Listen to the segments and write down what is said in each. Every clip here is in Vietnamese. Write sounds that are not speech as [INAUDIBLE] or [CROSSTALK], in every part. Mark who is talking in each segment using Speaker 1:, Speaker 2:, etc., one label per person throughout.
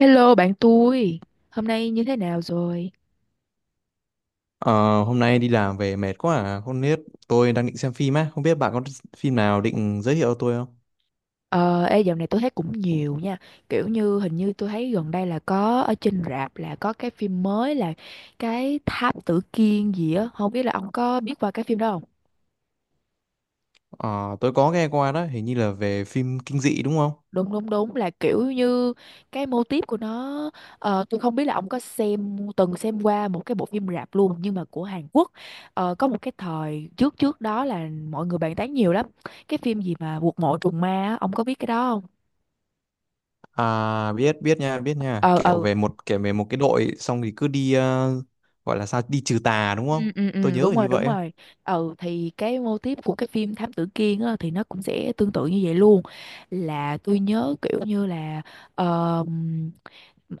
Speaker 1: Hello bạn tôi, hôm nay như thế nào rồi?
Speaker 2: Ờ, Hôm nay đi làm về mệt quá à. Không biết tôi đang định xem phim á. Không biết bạn có phim nào định giới thiệu tôi không?
Speaker 1: Dạo này tôi thấy cũng nhiều nha, kiểu như hình như tôi thấy gần đây là có ở trên rạp là có cái phim mới là cái Tháp Tử Kiên gì á, không biết là ông có biết qua cái phim đó không?
Speaker 2: Ờ, tôi có nghe qua đó, hình như là về phim kinh dị đúng không?
Speaker 1: Đúng đúng đúng, là kiểu như cái mô típ của nó, tôi không biết là ông có xem từng xem qua một cái bộ phim rạp luôn nhưng mà của Hàn Quốc. Có một cái thời trước trước đó là mọi người bàn tán nhiều lắm, cái phim gì mà Quật mộ trùng ma á, ông có biết cái đó không?
Speaker 2: À, biết biết nha, biết nha.
Speaker 1: Ờ
Speaker 2: Kiểu
Speaker 1: ờ.
Speaker 2: về một kể về một cái đội xong thì cứ đi gọi là sao đi trừ tà đúng không?
Speaker 1: Ừ, ừ,
Speaker 2: Tôi
Speaker 1: ừ,
Speaker 2: nhớ
Speaker 1: đúng
Speaker 2: là
Speaker 1: rồi
Speaker 2: như
Speaker 1: đúng
Speaker 2: vậy á.
Speaker 1: rồi. Ừ thì cái mô típ của cái phim Thám Tử Kiên á, thì nó cũng sẽ tương tự như vậy luôn, là tôi nhớ kiểu như là ờm,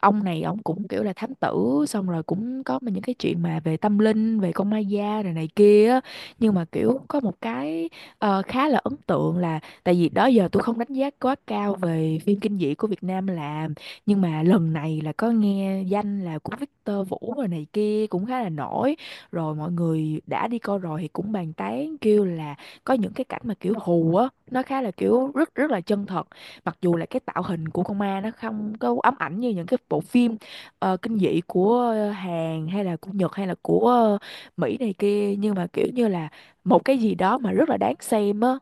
Speaker 1: ông này ông cũng kiểu là thám tử, xong rồi cũng có những cái chuyện mà về tâm linh, về con ma da rồi này kia á. Nhưng mà kiểu có một cái khá là ấn tượng, là tại vì đó giờ tôi không đánh giá quá cao về phim kinh dị của Việt Nam làm, nhưng mà lần này là có nghe danh là của Victor Vũ rồi này kia cũng khá là nổi, rồi mọi người đã đi coi rồi thì cũng bàn tán kêu là có những cái cảnh mà kiểu hù á, nó khá là kiểu rất rất là chân thật, mặc dù là cái tạo hình của con ma nó không có ám ảnh như những cái bộ phim kinh dị của Hàn hay là của Nhật hay là của Mỹ này kia, nhưng mà kiểu như là một cái gì đó mà rất là đáng xem á.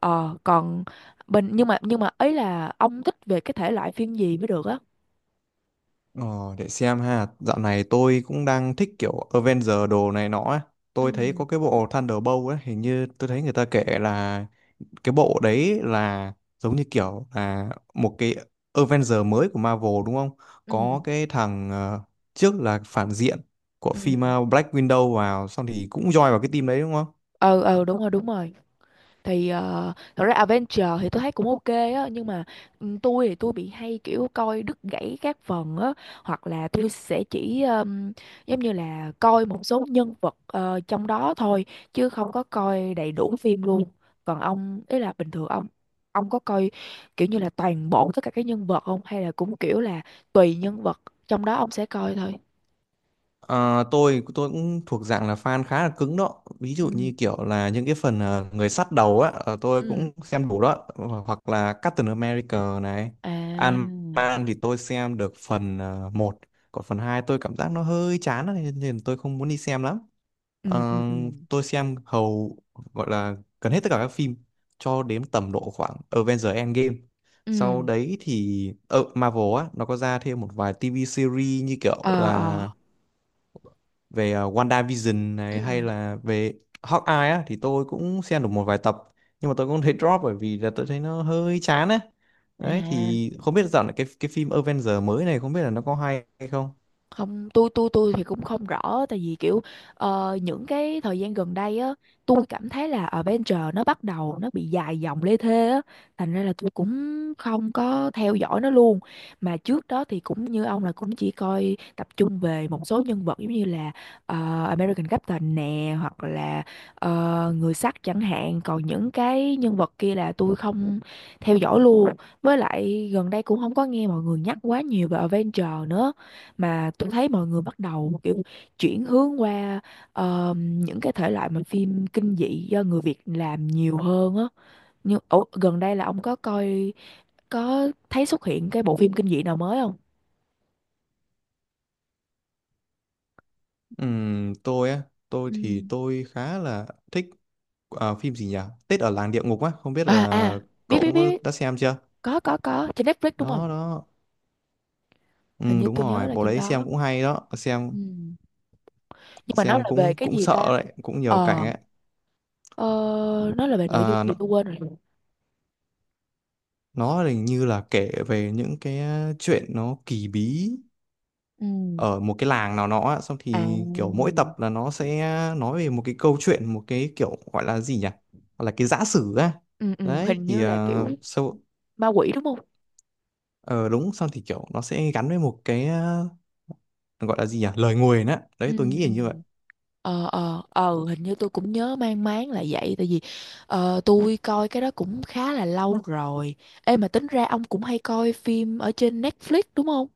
Speaker 1: Còn bình nhưng mà ấy là ông thích về cái thể loại phim gì mới được á?
Speaker 2: Ờ, để xem ha. Dạo này tôi cũng đang thích kiểu Avenger đồ này nọ á. Tôi thấy
Speaker 1: Ừ
Speaker 2: có cái bộ Thunderbolt ấy, hình như tôi thấy người ta kể là cái bộ đấy là giống như kiểu là một cái Avenger mới của Marvel đúng không?
Speaker 1: ừ
Speaker 2: Có cái thằng trước là phản diện của
Speaker 1: ừ
Speaker 2: phim Black Widow vào xong thì cũng join vào cái team đấy đúng không?
Speaker 1: ừ. Ừ, đúng rồi đúng rồi. Thì thật ra Adventure thì tôi thấy cũng ok á, nhưng mà ừ, tôi thì tôi bị hay kiểu coi đứt gãy các phần á, hoặc là tôi sẽ chỉ giống như là coi một số nhân vật trong đó thôi, chứ không có coi đầy đủ phim luôn. Còn ông ý là bình thường ông có coi kiểu như là toàn bộ tất cả các nhân vật không, hay là cũng kiểu là tùy nhân vật trong đó ông sẽ coi thôi?
Speaker 2: Ờ, tôi cũng thuộc dạng là fan khá là cứng đó, ví dụ
Speaker 1: Ừ
Speaker 2: như kiểu là những cái phần người sắt đầu á, tôi
Speaker 1: ừ.
Speaker 2: cũng xem đủ đó. Hoặc là Captain America này,
Speaker 1: À.
Speaker 2: Ant-Man thì tôi xem được phần 1, còn phần 2 tôi cảm giác nó hơi chán á, nên nên tôi không muốn đi xem lắm.
Speaker 1: ừ
Speaker 2: Ờ,
Speaker 1: ừ ừ
Speaker 2: tôi xem hầu gọi là gần hết tất cả các phim cho đến tầm độ khoảng Avengers Endgame. Sau
Speaker 1: ừ.
Speaker 2: đấy thì ở Marvel á nó có ra thêm một vài TV series, như kiểu
Speaker 1: ờ ờ.
Speaker 2: là về WandaVision
Speaker 1: ừ.
Speaker 2: này hay là về Hawkeye á, thì tôi cũng xem được một vài tập, nhưng mà tôi cũng thấy drop bởi vì là tôi thấy nó hơi chán á. Đấy
Speaker 1: À,
Speaker 2: thì không biết dạo này cái phim Avengers mới này không biết là nó có hay hay không.
Speaker 1: không, tôi thì cũng không rõ, tại vì kiểu những cái thời gian gần đây á, tôi cảm thấy là Avenger nó bắt đầu nó bị dài dòng lê thê á, thành ra là tôi cũng không có theo dõi nó luôn. Mà trước đó thì cũng như ông là cũng chỉ coi tập trung về một số nhân vật giống như là American Captain nè, hoặc là người sắt chẳng hạn, còn những cái nhân vật kia là tôi không theo dõi luôn. Với lại gần đây cũng không có nghe mọi người nhắc quá nhiều về Avenger nữa, mà tôi thấy mọi người bắt đầu kiểu chuyển hướng qua những cái thể loại mà phim kinh dị do người Việt làm nhiều hơn á. Nhưng ủa, gần đây là ông có coi, có thấy xuất hiện cái bộ phim kinh dị nào mới không?
Speaker 2: Tôi á, tôi
Speaker 1: Ừ.
Speaker 2: thì tôi khá là thích. Ờ, phim gì nhỉ? Tết ở làng địa ngục á, không biết
Speaker 1: À
Speaker 2: là
Speaker 1: à, biết
Speaker 2: cậu
Speaker 1: biết
Speaker 2: cũng có
Speaker 1: biết.
Speaker 2: đã xem chưa?
Speaker 1: Có, trên Netflix đúng không?
Speaker 2: Đó đó.
Speaker 1: Hình
Speaker 2: Ừ
Speaker 1: như
Speaker 2: đúng
Speaker 1: tôi nhớ
Speaker 2: rồi,
Speaker 1: là
Speaker 2: bộ
Speaker 1: trên
Speaker 2: đấy xem
Speaker 1: đó.
Speaker 2: cũng hay đó,
Speaker 1: Ừ. Nhưng mà nó là
Speaker 2: xem
Speaker 1: về
Speaker 2: cũng
Speaker 1: cái
Speaker 2: cũng
Speaker 1: gì
Speaker 2: sợ
Speaker 1: ta?
Speaker 2: đấy, cũng nhiều cảnh
Speaker 1: ờ.
Speaker 2: ấy.
Speaker 1: ờ, nó là về nội
Speaker 2: Ờ,
Speaker 1: dung gì tôi quên rồi.
Speaker 2: nó hình như là kể về những cái chuyện nó kỳ bí
Speaker 1: Ừ.
Speaker 2: ở một cái làng nào đó á, xong
Speaker 1: À.
Speaker 2: thì kiểu mỗi tập là nó sẽ nói về một cái câu chuyện, một cái kiểu gọi là gì nhỉ? Gọi là cái giả sử á.
Speaker 1: Ừ, ừ,
Speaker 2: Đấy
Speaker 1: hình như
Speaker 2: thì
Speaker 1: là
Speaker 2: ờ,
Speaker 1: kiểu
Speaker 2: sau
Speaker 1: ma quỷ đúng không?
Speaker 2: Ờ Đúng, xong thì kiểu nó sẽ gắn với một cái gọi là gì nhỉ, lời nguyền á,
Speaker 1: Ừ.
Speaker 2: đấy tôi nghĩ
Speaker 1: Ừ.
Speaker 2: là như vậy.
Speaker 1: Hình như tôi cũng nhớ mang máng là vậy, tại vì tôi coi cái đó cũng khá là lâu rồi. Ê, mà tính ra ông cũng hay coi phim ở trên Netflix đúng không?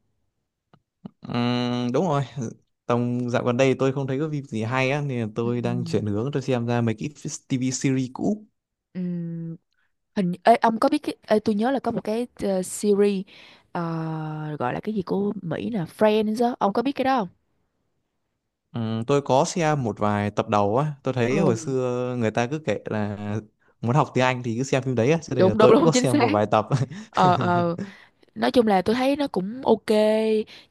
Speaker 2: Đúng rồi, tầm dạo gần đây tôi không thấy có phim gì hay á nên là
Speaker 1: Ừ.
Speaker 2: tôi đang chuyển hướng tôi xem ra mấy cái TV series cũ.
Speaker 1: Ừ. Ông có biết cái tôi nhớ là có một cái series gọi là cái gì của Mỹ nè, Friends á, ông có biết cái đó không?
Speaker 2: Tôi có xem một vài tập đầu á, tôi thấy
Speaker 1: Ừ.
Speaker 2: hồi xưa người ta cứ kể là muốn học tiếng Anh thì cứ xem phim đấy á, cho nên là
Speaker 1: Đúng đúng
Speaker 2: tôi cũng
Speaker 1: đúng,
Speaker 2: có
Speaker 1: chính
Speaker 2: xem
Speaker 1: xác.
Speaker 2: một vài tập.
Speaker 1: Ờ ờ.
Speaker 2: [LAUGHS]
Speaker 1: Nói chung là tôi thấy nó cũng ok,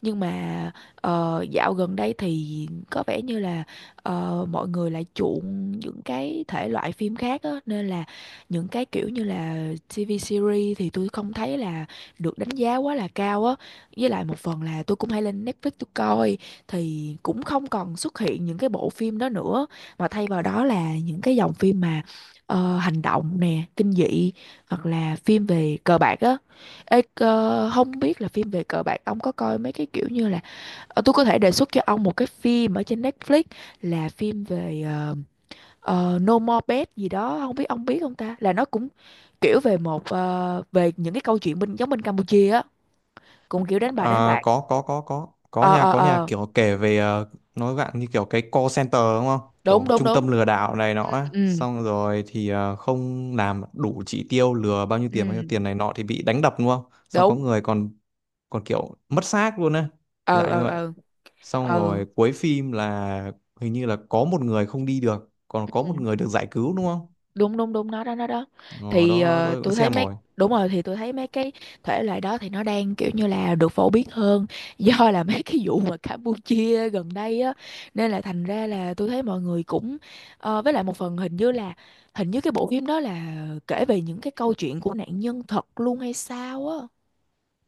Speaker 1: nhưng mà dạo gần đây thì có vẻ như là mọi người lại chuộng những cái thể loại phim khác á, nên là những cái kiểu như là TV series thì tôi không thấy là được đánh giá quá là cao á. Với lại một phần là tôi cũng hay lên Netflix tôi coi, thì cũng không còn xuất hiện những cái bộ phim đó nữa, mà thay vào đó là những cái dòng phim mà hành động nè, kinh dị, hoặc là phim về cờ bạc á. Ê, không biết là phim về cờ bạc ông có coi mấy cái kiểu như là. Ờ, tôi có thể đề xuất cho ông một cái phim ở trên Netflix, là phim về No More Bet gì đó, không biết ông biết không ta, là nó cũng kiểu về một về những cái câu chuyện bên giống bên Campuchia á, cũng kiểu đánh bài đánh
Speaker 2: À,
Speaker 1: bạc.
Speaker 2: có có
Speaker 1: Ờ
Speaker 2: nha,
Speaker 1: ờ
Speaker 2: có nhà
Speaker 1: ờ.
Speaker 2: kiểu kể về nói bạn như kiểu cái call center đúng không,
Speaker 1: Đúng
Speaker 2: kiểu
Speaker 1: đúng
Speaker 2: trung
Speaker 1: đúng.
Speaker 2: tâm lừa đảo này nọ
Speaker 1: Ừ
Speaker 2: á.
Speaker 1: ừ.
Speaker 2: Xong rồi thì không làm đủ chỉ tiêu, lừa bao nhiêu
Speaker 1: Ừ,
Speaker 2: tiền này nọ thì bị đánh đập đúng không, xong có
Speaker 1: đúng.
Speaker 2: người còn còn kiểu mất xác luôn á,
Speaker 1: Ờ
Speaker 2: dạng như
Speaker 1: ờ
Speaker 2: vậy.
Speaker 1: ờ
Speaker 2: Xong
Speaker 1: ờ.
Speaker 2: rồi cuối phim là hình như là có một người không đi được còn có một
Speaker 1: Ừ.
Speaker 2: người được giải cứu đúng không.
Speaker 1: Đúng đúng đúng, nó đó nó đó.
Speaker 2: Ờ,
Speaker 1: Thì
Speaker 2: Đó đó, tôi cũng
Speaker 1: tôi thấy
Speaker 2: xem
Speaker 1: mấy
Speaker 2: rồi.
Speaker 1: đúng rồi, thì tôi thấy mấy cái thể loại đó thì nó đang kiểu như là được phổ biến hơn [LAUGHS] do là mấy cái vụ mà Campuchia gần đây á, nên là thành ra là tôi thấy mọi người cũng với lại một phần hình như cái bộ phim đó là kể về những cái câu chuyện của nạn nhân thật luôn hay sao á,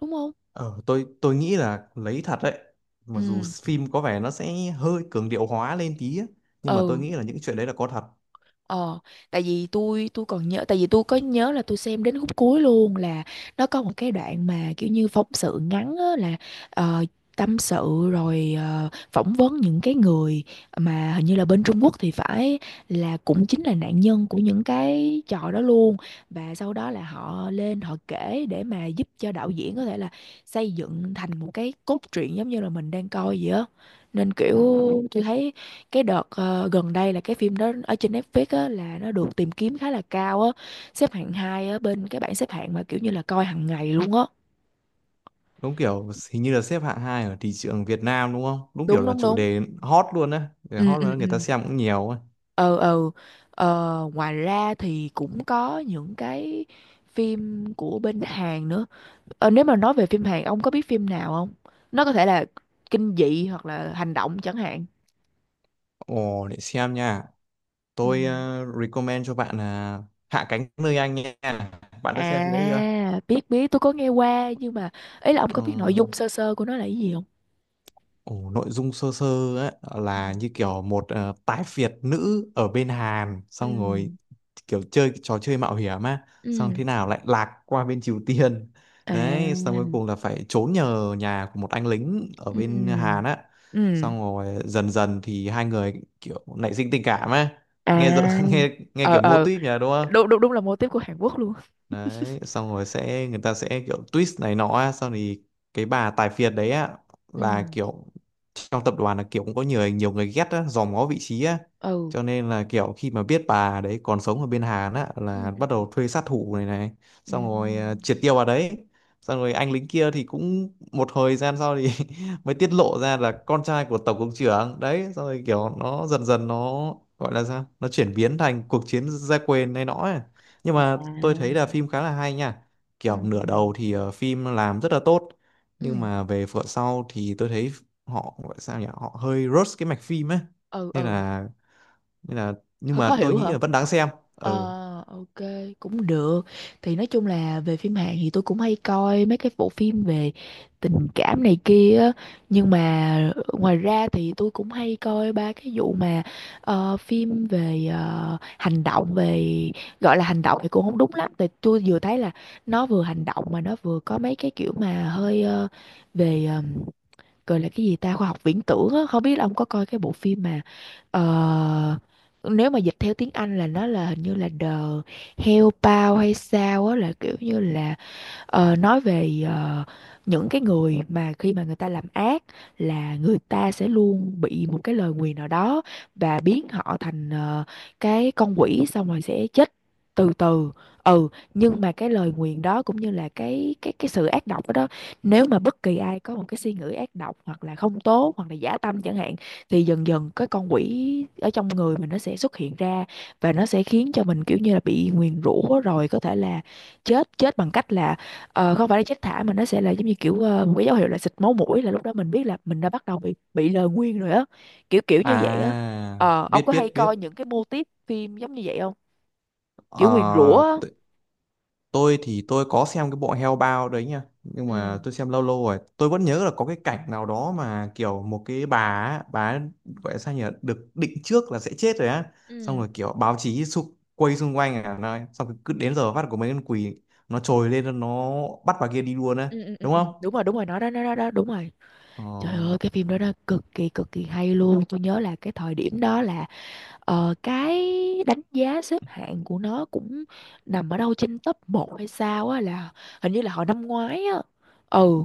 Speaker 1: đúng không?
Speaker 2: Ờ, tôi nghĩ là lấy thật đấy, mặc dù
Speaker 1: Ừ
Speaker 2: phim có vẻ nó sẽ hơi cường điệu hóa lên tí á, nhưng mà tôi
Speaker 1: ừ.
Speaker 2: nghĩ là những chuyện đấy là có thật.
Speaker 1: Ờ, tại vì tôi có nhớ là tôi xem đến khúc cuối luôn, là nó có một cái đoạn mà kiểu như phóng sự ngắn á, là ờ, tâm sự rồi phỏng vấn những cái người mà hình như là bên Trung Quốc thì phải, là cũng chính là nạn nhân của những cái trò đó luôn, và sau đó là họ lên họ kể để mà giúp cho đạo diễn có thể là xây dựng thành một cái cốt truyện giống như là mình đang coi vậy á. Nên kiểu tôi thấy cái đợt gần đây là cái phim đó ở trên Netflix á, là nó được tìm kiếm khá là cao á, xếp hạng hai á, bên cái bảng xếp hạng mà kiểu như là coi hàng ngày luôn á.
Speaker 2: Đúng, kiểu hình như là xếp hạng hai ở thị trường Việt Nam đúng không, đúng kiểu
Speaker 1: Đúng
Speaker 2: là
Speaker 1: đúng
Speaker 2: chủ
Speaker 1: đúng.
Speaker 2: đề hot luôn á, để
Speaker 1: Ừ
Speaker 2: hot luôn
Speaker 1: ừ
Speaker 2: á,
Speaker 1: ừ
Speaker 2: người ta xem cũng nhiều á.
Speaker 1: ừ ừ. Ờ, ngoài ra thì cũng có những cái phim của bên Hàn nữa. Ờ, nếu mà nói về phim Hàn, ông có biết phim nào không? Nó có thể là kinh dị hoặc là hành động chẳng hạn.
Speaker 2: Ồ để xem nha,
Speaker 1: ừ.
Speaker 2: tôi recommend cho bạn là Hạ cánh nơi anh nha, bạn đã xem phim đấy chưa?
Speaker 1: À, biết biết, tôi có nghe qua, nhưng mà ý là ông có
Speaker 2: Ờ,
Speaker 1: biết nội dung sơ sơ của nó là cái gì không?
Speaker 2: ồ, nội dung sơ sơ ấy,
Speaker 1: Ừ.
Speaker 2: là như kiểu một tái Việt nữ ở bên Hàn
Speaker 1: Ừ.
Speaker 2: xong rồi kiểu chơi cái trò chơi mạo hiểm á, xong
Speaker 1: Ừ.
Speaker 2: thế nào lại lạc qua bên Triều Tiên,
Speaker 1: À.
Speaker 2: đấy xong cuối cùng là phải trốn nhờ nhà của một anh lính ở bên
Speaker 1: Ừ.
Speaker 2: Hàn á,
Speaker 1: Ừ.
Speaker 2: xong rồi dần dần thì hai người kiểu nảy sinh tình cảm á.
Speaker 1: À.
Speaker 2: nghe rõ- [LAUGHS] nghe nghe
Speaker 1: Ờ
Speaker 2: kiểu mô
Speaker 1: ờ,
Speaker 2: típ nhỉ đúng không.
Speaker 1: đúng đúng đúng, là mô típ của Hàn Quốc luôn.
Speaker 2: Đấy xong rồi sẽ người ta sẽ kiểu twist này nọ á, xong thì cái bà tài phiệt đấy á là
Speaker 1: Ừ.
Speaker 2: kiểu trong tập đoàn là kiểu cũng có nhiều nhiều người ghét á, dòm ngó vị trí á,
Speaker 1: Ừ.
Speaker 2: cho nên là kiểu khi mà biết bà đấy còn sống ở bên Hàn á
Speaker 1: Ừ.
Speaker 2: là
Speaker 1: Ừ.
Speaker 2: bắt đầu thuê sát thủ này này,
Speaker 1: Ừ.
Speaker 2: xong rồi triệt tiêu bà đấy. Xong rồi anh lính kia thì cũng một thời gian sau thì [LAUGHS] mới tiết lộ ra là con trai của tổng cục trưởng đấy, xong rồi kiểu nó dần dần nó gọi là sao, nó chuyển biến thành cuộc chiến gia quyền này nọ ấy. Nhưng mà tôi
Speaker 1: À.
Speaker 2: thấy là phim khá là hay nha, kiểu
Speaker 1: Ừ. Ừ.
Speaker 2: nửa đầu thì phim làm rất là tốt, nhưng
Speaker 1: Ừ
Speaker 2: mà về phần sau thì tôi thấy họ gọi sao nhỉ, họ hơi rush cái mạch phim ấy,
Speaker 1: ừ.
Speaker 2: nên
Speaker 1: Ừ.
Speaker 2: là nên là nhưng
Speaker 1: Hơi khó
Speaker 2: mà tôi
Speaker 1: hiểu hả?
Speaker 2: nghĩ là vẫn đáng xem. Ừ.
Speaker 1: Ờ, ok, cũng được. Thì nói chung là về phim Hàn thì tôi cũng hay coi mấy cái bộ phim về tình cảm này kia á. Nhưng mà ngoài ra thì tôi cũng hay coi ba cái vụ mà phim về hành động, về gọi là hành động thì cũng không đúng lắm. Tại tôi vừa thấy là nó vừa hành động mà nó vừa có mấy cái kiểu mà hơi về gọi là cái gì ta, khoa học viễn tưởng á. Không biết là ông có coi cái bộ phim mà ờ, nếu mà dịch theo tiếng Anh là nó là hình như là The Hellbound hay sao á, là kiểu như là nói về những cái người mà khi mà người ta làm ác là người ta sẽ luôn bị một cái lời nguyền nào đó và biến họ thành cái con quỷ, xong rồi sẽ chết từ từ. Ừ, nhưng mà cái lời nguyền đó cũng như là cái sự ác độc đó, nếu mà bất kỳ ai có một cái suy nghĩ ác độc hoặc là không tốt hoặc là giả tâm chẳng hạn thì dần dần cái con quỷ ở trong người mình nó sẽ xuất hiện ra, và nó sẽ khiến cho mình kiểu như là bị nguyền rủa rồi có thể là chết chết bằng cách là không phải là chết thả mà nó sẽ là giống như kiểu một cái dấu hiệu là xịt máu mũi, là lúc đó mình biết là mình đã bắt đầu bị lời nguyền rồi á, kiểu kiểu như vậy á.
Speaker 2: À,
Speaker 1: Ờ, ông
Speaker 2: biết
Speaker 1: có hay
Speaker 2: biết biết.
Speaker 1: coi những cái mô típ phim giống như vậy không, kiểu nguyền rủa
Speaker 2: Ờ,
Speaker 1: á.
Speaker 2: tôi có xem cái bộ Hell Bao đấy nha, nhưng
Speaker 1: Ừ
Speaker 2: mà tôi xem lâu lâu rồi, tôi vẫn nhớ là có cái cảnh nào đó mà kiểu một cái bà á, bà ấy gọi là sao nhỉ, được định trước là sẽ chết rồi á, xong
Speaker 1: ừ
Speaker 2: rồi kiểu báo chí xung, quay xung quanh à này, xong rồi cứ đến giờ phát của mấy con quỷ nó trồi lên nó bắt bà kia đi luôn á,
Speaker 1: ừ ừ ừ
Speaker 2: đúng
Speaker 1: ừ.
Speaker 2: không?
Speaker 1: Đúng rồi, đúng rồi, nó đó, nó đó, đó đúng rồi.
Speaker 2: Ờ.
Speaker 1: Trời ơi, cái phim đó nó cực kỳ hay luôn. Tôi nhớ là cái thời điểm đó là cái đánh giá xếp hạng của nó cũng nằm ở đâu trên top 1 hay sao á, là hình như là hồi năm ngoái á. Ừ.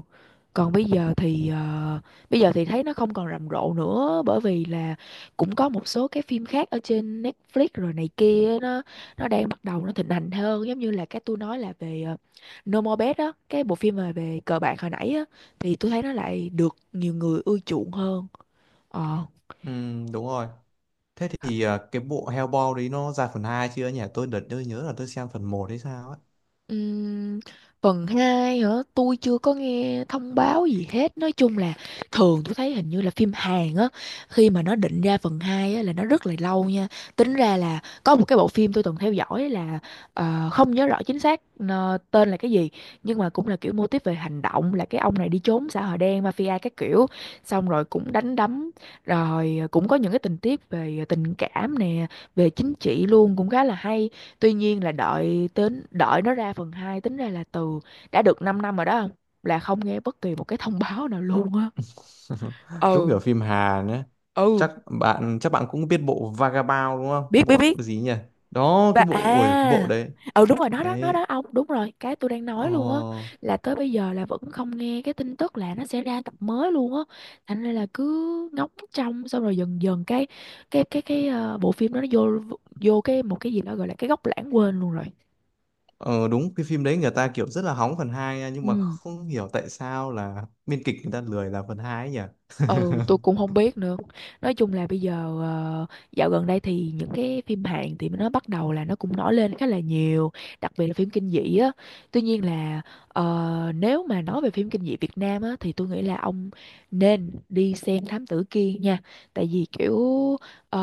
Speaker 1: Còn bây giờ thì bây giờ thì thấy nó không còn rầm rộ nữa, bởi vì là cũng có một số cái phim khác ở trên Netflix rồi này kia, nó đang bắt đầu nó thịnh hành hơn, giống như là cái tôi nói là về No More Bad á, cái bộ phim mà về cờ bạc hồi nãy á, thì tôi thấy nó lại được nhiều người ưa chuộng hơn. Ờ.
Speaker 2: Ừm, đúng rồi. Thế thì cái bộ Hellboy đấy nó ra phần 2 chưa nhỉ, tôi đợt tôi nhớ là tôi xem phần một hay sao ấy.
Speaker 1: Ừm, phần 2 hả? Tôi chưa có nghe thông báo gì hết. Nói chung là thường tôi thấy hình như là phim Hàn á, khi mà nó định ra phần 2 á là nó rất là lâu nha. Tính ra là có một cái bộ phim tôi từng theo dõi là không nhớ rõ chính xác tên là cái gì, nhưng mà cũng là kiểu mô típ về hành động, là cái ông này đi trốn xã hội đen mafia các kiểu, xong rồi cũng đánh đấm, rồi cũng có những cái tình tiết về tình cảm nè, về chính trị luôn, cũng khá là hay. Tuy nhiên là đợi đến đợi nó ra phần 2 tính ra là từ đã được 5 năm rồi đó không? Là không nghe bất kỳ một cái thông báo nào luôn á.
Speaker 2: [LAUGHS] Đúng kiểu
Speaker 1: Ừ
Speaker 2: phim hà nữa,
Speaker 1: ừ.
Speaker 2: chắc bạn cũng biết bộ Vagabond đúng không,
Speaker 1: Biết
Speaker 2: cái
Speaker 1: biết
Speaker 2: bộ
Speaker 1: biết
Speaker 2: gì nhỉ, đó
Speaker 1: và
Speaker 2: cái bộ, ôi cái bộ
Speaker 1: à.
Speaker 2: đấy,
Speaker 1: Ừ đúng rồi, nó
Speaker 2: đấy,
Speaker 1: đó ông, đúng rồi, cái tôi đang nói luôn á,
Speaker 2: ờ,
Speaker 1: là tới bây giờ là vẫn không nghe cái tin tức là nó sẽ ra tập mới luôn á. Thành ra là cứ ngóng trông, xong rồi dần dần cái cái bộ phim đó nó vô vô cái một cái gì đó gọi là cái góc lãng quên luôn rồi.
Speaker 2: ờ đúng cái phim đấy người ta kiểu rất là hóng phần 2 nha, nhưng mà
Speaker 1: Ừ.
Speaker 2: không hiểu tại sao là biên kịch người ta lười làm phần hai ấy nhỉ.
Speaker 1: Ừ, tôi cũng không biết nữa. Nói chung là bây giờ ờ, dạo gần đây thì những cái phim Hàn thì nó bắt đầu là nó cũng nổi lên khá là nhiều, đặc biệt là phim kinh dị á. Tuy nhiên là nếu mà nói về phim kinh dị Việt Nam á thì tôi nghĩ là ông nên đi xem Thám Tử Kiên nha. Tại vì kiểu ờ,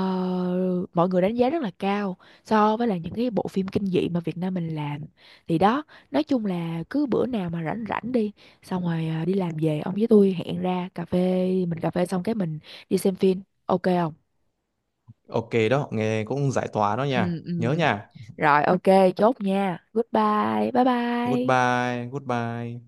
Speaker 1: mọi người đánh giá rất là cao so với là những cái bộ phim kinh dị mà Việt Nam mình làm. Thì đó, nói chung là cứ bữa nào mà rảnh rảnh đi, xong rồi à, đi làm về ông với tôi hẹn ra cà phê, mình cà phê xong cái mình đi xem phim, ok không?
Speaker 2: [LAUGHS] Ok đó, nghe cũng giải tỏa đó nha,
Speaker 1: Ừ
Speaker 2: nhớ
Speaker 1: ừ.
Speaker 2: nha.
Speaker 1: Rồi ok, chốt nha, goodbye, bye bye.
Speaker 2: Goodbye goodbye.